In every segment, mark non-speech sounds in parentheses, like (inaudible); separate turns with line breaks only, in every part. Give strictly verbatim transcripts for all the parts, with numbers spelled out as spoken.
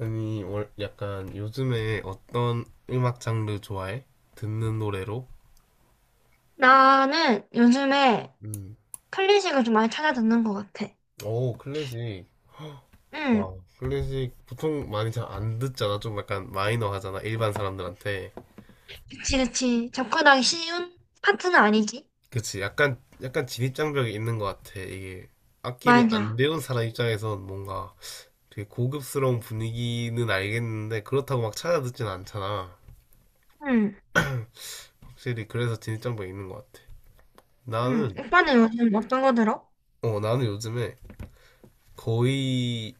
아니, 월, 약간 요즘에 어떤 음악 장르 좋아해? 듣는 노래로?
나는 요즘에
음.
클래식을 좀 많이 찾아 듣는 것 같아.
오, 클래식.
응,
와, 클래식 보통 많이 잘 안 듣잖아. 좀 약간 마이너 하잖아. 일반 사람들한테.
그치, 그치. 접근하기 쉬운 파트는 아니지.
그치. 약간, 약간 진입장벽이 있는 것 같아. 이게 악기를 안
맞아.
배운 사람 입장에선 뭔가 되게 고급스러운 분위기는 알겠는데 그렇다고 막 찾아 듣진 않잖아.
응,
확실히 그래서 진입장벽이 있는 것 같아.
응.
나는,
오빠는 요즘 어떤 거 들어?
어, 나는 요즘에 거의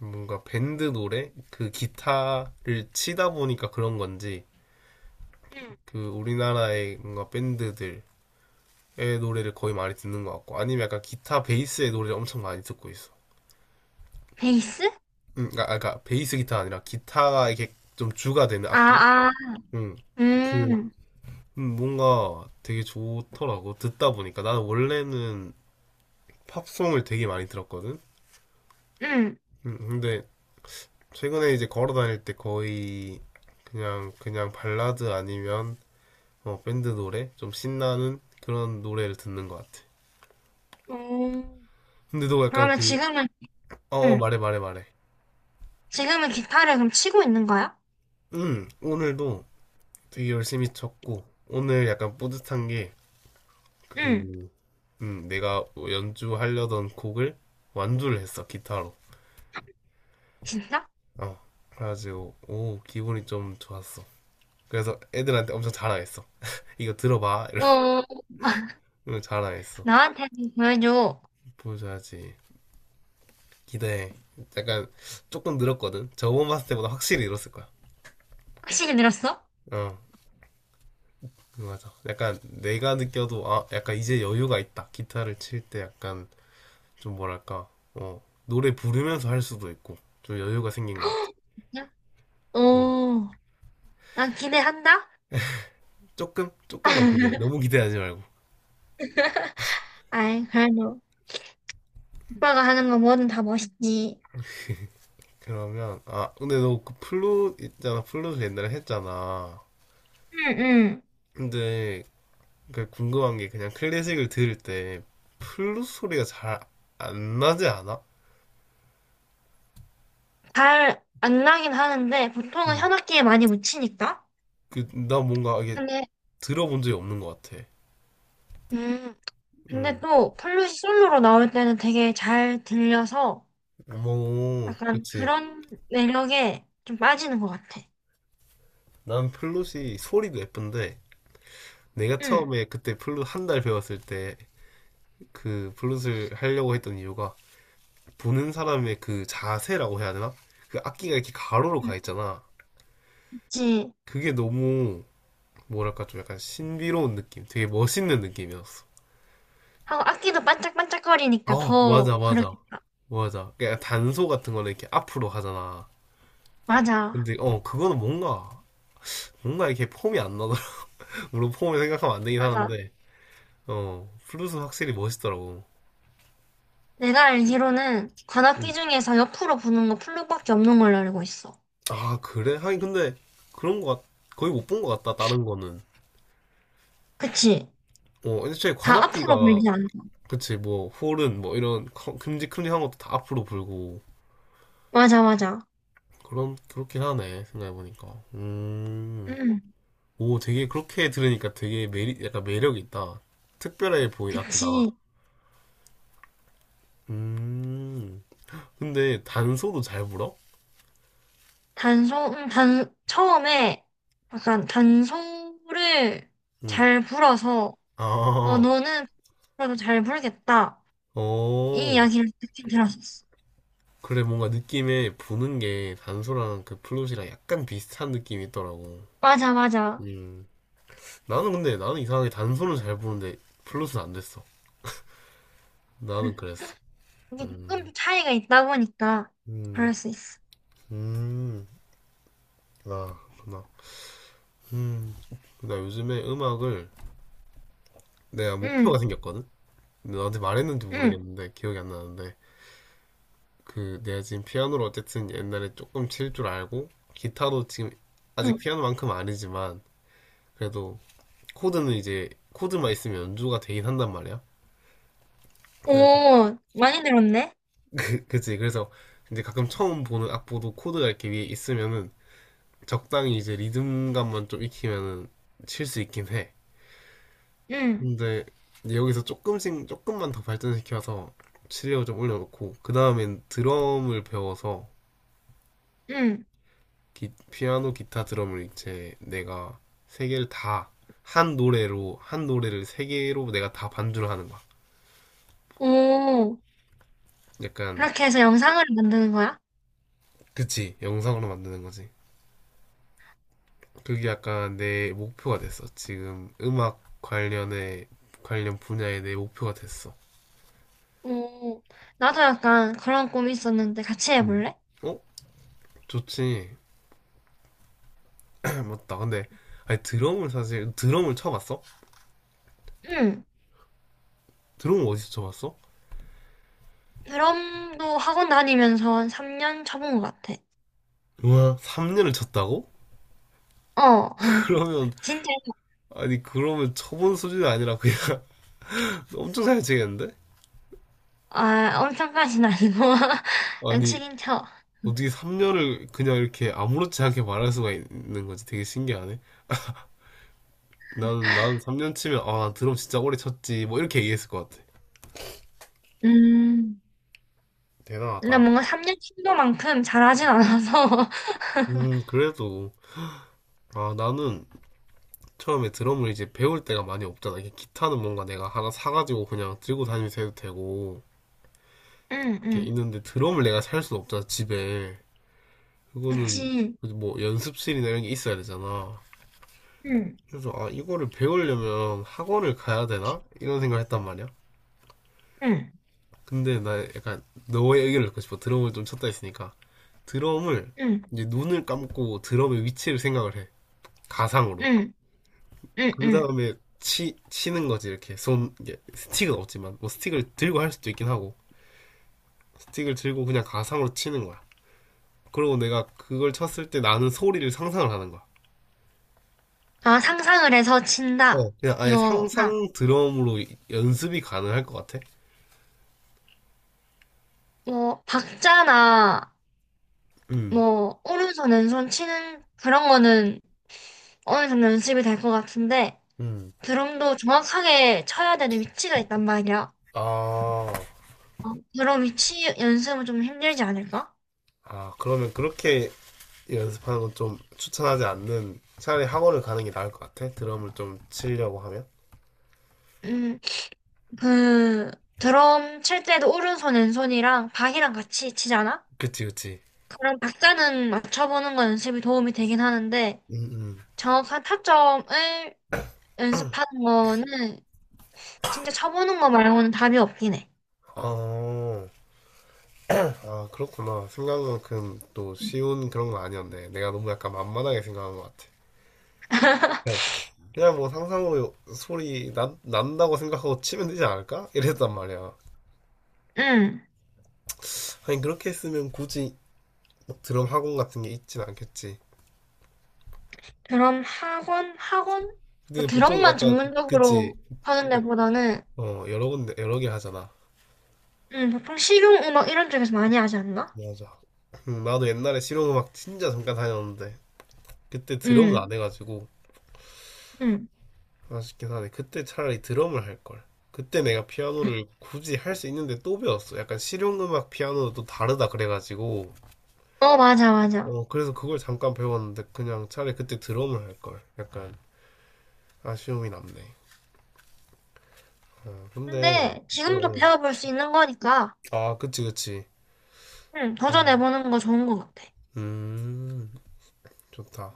뭔가 밴드 노래 그 기타를 치다 보니까 그런 건지
응.
그 우리나라의 뭔가 밴드들의 노래를 거의 많이 듣는 것 같고 아니면 약간 기타 베이스의 노래를 엄청 많이 듣고 있어.
베이스?
음, 그러니까, 아, 그러니까 베이스 기타가 아니라 기타가 이게 좀 주가 되는
아,
악기.
아,
음, 그
음,
음, 뭔가 되게 좋더라고 듣다 보니까 나는 원래는 팝송을 되게 많이 들었거든.
음.
음, 근데 최근에 이제 걸어 다닐 때 거의 그냥 그냥 발라드 아니면 어, 밴드 노래? 좀 신나는 그런 노래를 듣는 것 같아.
오.
근데 너 약간
그러면
그,
지금은,
어, 어,
응.
말해, 말해, 말해.
지금은 기타를 그럼 치고 있는 거야?
응, 오늘도 되게 열심히 쳤고, 오늘 약간 뿌듯한 게,
응.
그, 음, 내가 연주하려던 곡을 완주를 했어, 기타로.
진짜?
어, 그래가지고, 오, 기분이 좀 좋았어. 그래서 애들한테 엄청 자랑했어. (laughs) 이거 들어봐.
어. (laughs)
이러면 자랑했어.
나한테 보여줘.
보여줘야지. 기대해. 약간 조금 늘었거든. 저번 봤을 때보다 확실히 늘었을 거야.
확실히 늘었어?
어. 맞아. 약간 내가 느껴도 아, 약간 이제 여유가 있다. 기타를 칠 때 약간 좀 뭐랄까, 어, 노래 부르면서 할 수도 있고 좀 여유가 생긴 것 같아.
(gasps) 진짜?
음.
오. 난 기대한다.
조금 조금만 기대.
(laughs)
너무 기대하지 말고.
아이, 그래도 오빠가 하는 거 뭐든 다 멋있지.
그러면 아, 근데 너 그 플룻 있잖아. 플룻을 옛날에 했잖아.
응, 응.
근데 그 궁금한 게 그냥 클래식을 들을 때 플룻 소리가 잘 안 나지 않아?
잘 안 나긴 하는데 보통은
음.
현악기에 많이 묻히니까.
그 나 뭔가 이게
근데
들어본 적이 없는 것 같아.
음, 근데
음.
또 플룻이 솔로로 나올 때는 되게 잘 들려서
뭐,
약간
그치.
그런 매력에 좀 빠지는 것 같아.
난 플룻이 소리도 예쁜데 내가
응,
처음에 그때 플룻 한 달 배웠을 때 그 플룻을 하려고 했던 이유가 보는 사람의 그 자세라고 해야 되나? 그 악기가 이렇게 가로로
응.
가 있잖아.
그치.
그게 너무 뭐랄까 좀 약간 신비로운 느낌, 되게 멋있는 느낌이었어.
하고 악기도 반짝반짝거리니까
어,
더
맞아, 맞아,
그렇겠다.
맞아. 그러니까 단소 같은 거는 이렇게 앞으로 가잖아.
맞아,
근데 어, 그거는 뭔가 뭔가 이렇게 폼이 안 나더라. (laughs) 물론 폼을 생각하면 안 되긴
맞아.
하는데, 어, 플룻은 확실히 멋있더라고.
내가 알기로는 관악기 중에서 옆으로 부는 거 플룻밖에 없는 걸로 알고 있어.
아, 그래? 하긴 근데 그런 거 같, 거의 못 본 거 같다, 다른 거는.
그치?
어, 애초에
다 앞으로
관악기가,
밀지 않아.
그치, 뭐, 홀은 뭐 이런 큼직큼직한 것도 다 앞으로 불고,
맞아, 맞아.
그런, 그렇긴 하네, 생각해보니까. 음,
응,
오, 되게 그렇게 들으니까 되게 매리, 약간 매력 있다. 특별해 보인 악기다.
그치.
음, 근데 단소도 잘 불어?
단송, 음, 단, 처음에 약간 단송을
음,
잘 불어서, 어,
아,
너는 앞으로도 잘 불겠다. 이
어.
이야기를 듣긴 들었었어.
그래, 뭔가 느낌에 부는 게 단소랑 그 플룻이랑 약간 비슷한 느낌이 있더라고.
맞아, 맞아.
음. 나는 근데 나는 이상하게 단수는 잘 보는데 플러스는 안 됐어. 나는 그랬어.
이게
음.
조금 차이가 있다 보니까
음.
그럴 수 있어.
음. 아, 그렇구나. 음. 나 요즘에 음악을 내가 목표가
응,
생겼거든. 근데 너한테 말했는지
응,
모르겠는데 기억이 안 나는데 그 내가 지금 피아노를 어쨌든 옛날에 조금 칠 줄 알고 기타도 지금 아직
응.
피아노만큼은 아니지만 그래도 코드는 이제 코드만 있으면 연주가 되긴 한단 말이야. 그래서
오, 많이 늘었네?
그, 그치 그래서 이제 가끔 처음 보는 악보도 코드가 이렇게 위에 있으면은 적당히 이제 리듬감만 좀 익히면은 칠 수 있긴 해.
응,
근데 여기서 조금씩 조금만 더 발전시켜서 실력을 좀 올려놓고 그 다음엔 드럼을 배워서
응.
기- 피아노, 기타, 드럼을 이제 내가 세 개를 다 한 노래로 한 노래를 세 개로 내가 다 반주를 하는 거야.
오,
약간
그렇게 해서 영상을 만드는 거야?
그치 영상으로 만드는 거지. 그게 약간 내 목표가 됐어. 지금 음악 관련의 관련 분야의 내 목표가 됐어.
오, 나도 약간 그런 꿈이 있었는데 같이
음.
해볼래?
어? 좋지. 맞다. 근데 아니 드럼을 사실 드럼을 쳐봤어?
응.
드럼을 어디서 쳐봤어?
드럼도 학원 다니면서 한 삼 년 쳐본 것 같아.
우와. 삼 년을 쳤다고?
어.
(laughs)
(laughs)
그러면
진짜,
아니 그러면 쳐본 수준이 아니라 그냥 (laughs) 엄청 잘 치겠는데?
아, 엄청까지는 아니고. (laughs) 그냥
아니
치긴 쳐.
어떻게 삼 년을 그냥 이렇게 아무렇지 않게 말할 수가 있는 거지? 되게 신기하네. 나는 나는 삼 년 치면 아 드럼 진짜 오래 쳤지 뭐 이렇게 얘기했을 것 같아.
음, 근데
대단하다.
뭔가 삼 년 친도만큼 잘하진 않아서. (laughs)
음 그래도 아 나는 처음에 드럼을 이제 배울 때가 많이 없잖아. 이게 기타는 뭔가 내가 하나 사가지고 그냥 들고 다니면서 해도 되고
응,
이렇게
응.
있는데 드럼을 내가 살 수는 없잖아, 집에. 그거는
그치.
뭐 연습실이나 이런 게 있어야 되잖아.
응,
그래서 아, 이거를 배우려면 학원을 가야 되나? 이런 생각을 했단 말이야.
응,
근데 나 약간 너의 의견을 듣고 싶어. 드럼을 좀 쳤다 했으니까. 드럼을
응,
이제 눈을 감고 드럼의 위치를 생각을 해. 가상으로.
응, 응,
그
응.
다음에 치, 치는 거지, 이렇게. 손, 이게 스틱은 없지만, 뭐 스틱을 들고 할 수도 있긴 하고, 스틱을 들고 그냥 가상으로 치는 거야. 그리고 내가 그걸 쳤을 때 나는 소리를 상상을 하는 거야.
아, 상상을 해서
어,
친다.
그냥 아예
이거, 그냥,
상상 드럼으로 이- 연습이 가능할 것 같아.
뭐, 박자나,
음,
뭐 오른손 왼손 치는 그런 거는 어느 정도 연습이 될 것 같은데
음.
드럼도 정확하게 쳐야 되는 위치가 있단 말이야.
아,
어, 드럼 위치 연습은 좀 힘들지 않을까?
아, 그러면 그렇게 연습하는 건 좀 추천하지 않는 차라리 학원을 가는 게 나을 것 같아. 드럼을 좀 치려고 하면.
음, 그 드럼 칠 때도 오른손 왼손이랑 박이랑 같이 치잖아?
그치, 그치.
그런 박자는 맞춰보는 건 연습이 도움이 되긴 하는데
음, 음.
정확한 타점을 연습하는 거는 진짜 쳐보는 거 말고는 답이 없긴 해.
어, 아, 그렇구나. 생각만큼 또 쉬운 그런 건 아니었네. 내가 너무 약간 만만하게 생각한 것 같아. 그냥
(laughs)
그냥 뭐 상상으로 소리 난, 난다고 생각하고 치면 되지 않을까? 이랬단 말이야.
응.
아니, 그렇게 했으면 굳이 막 드럼 학원 같은 게 있진 않겠지.
드럼 학원? 학원? 뭐
근데 보통
드럼만
약간 그치.
전문적으로 하는
그러니까,
데보다는,
어 여러 군데 여러 개 하잖아.
음, 보통 실용음악 이런 쪽에서 많이 하지 않나?
맞아. 음, 나도 옛날에 실용음악 진짜 잠깐 다녔는데 그때 드럼은
음,
안 해가지고
음.
아쉽긴 하네. 그때 차라리 드럼을 할 걸. 그때 내가 피아노를 굳이 할 수 있는데 또 배웠어. 약간 실용음악 피아노도 또 다르다 그래가지고
어, 맞아, 맞아.
어 그래서 그걸 잠깐 배웠는데 그냥 차라리 그때 드럼을 할 걸. 약간 아쉬움이 남네. 어, 근데
근데
어,
지금도
어.
배워볼 수 있는 거니까,
아 그치 그치.
음,
아.
도전해보는 거 좋은 것 같아.
음, 좋다.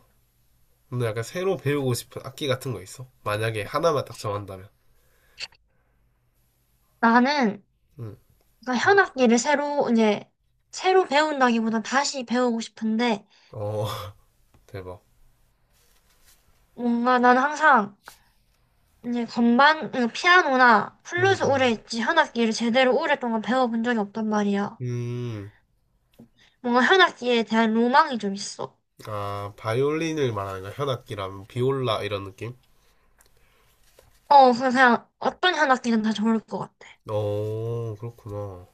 근데 약간 새로 배우고 싶은 악기 같은 거 있어? 만약에 하나만 딱 정한다면.
나는,
음.
그러니까 현악기를 새로, 이제, 새로 배운다기보다 다시 배우고 싶은데,
어, (laughs) 대박.
뭔가 나는 항상, 이제 건반, 음, 피아노나
음,
플루스 오래
음.
했지, 현악기를 제대로 오랫동안 배워본 적이 없단 말이야.
음,
뭔가 현악기에 대한 로망이 좀 있어.
아, 바이올린을 말하는 거야? 현악기라면 비올라 이런 느낌?
어, 그래서 그냥 어떤 현악기든 다 좋을 것 같아.
어, 그렇구나.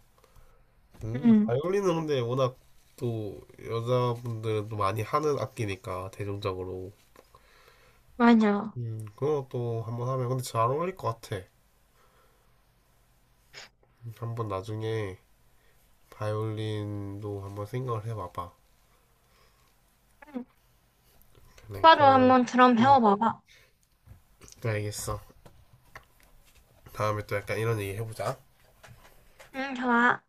음,
응,
바이올린은 근데 워낙 또 여자분들도 많이 하는 악기니까 대중적으로.
맞아.
음, 그거 또 한번 하면 근데 잘 어울릴 것 같아. 한번 나중에 바이올린도 한번 생각을 해봐봐.
응,
네,
오빠도
그러면
한번 드럼
음,
배워봐봐.
네, 알겠어. 다음에 또 약간 이런 얘기 해보자.
응, 좋아.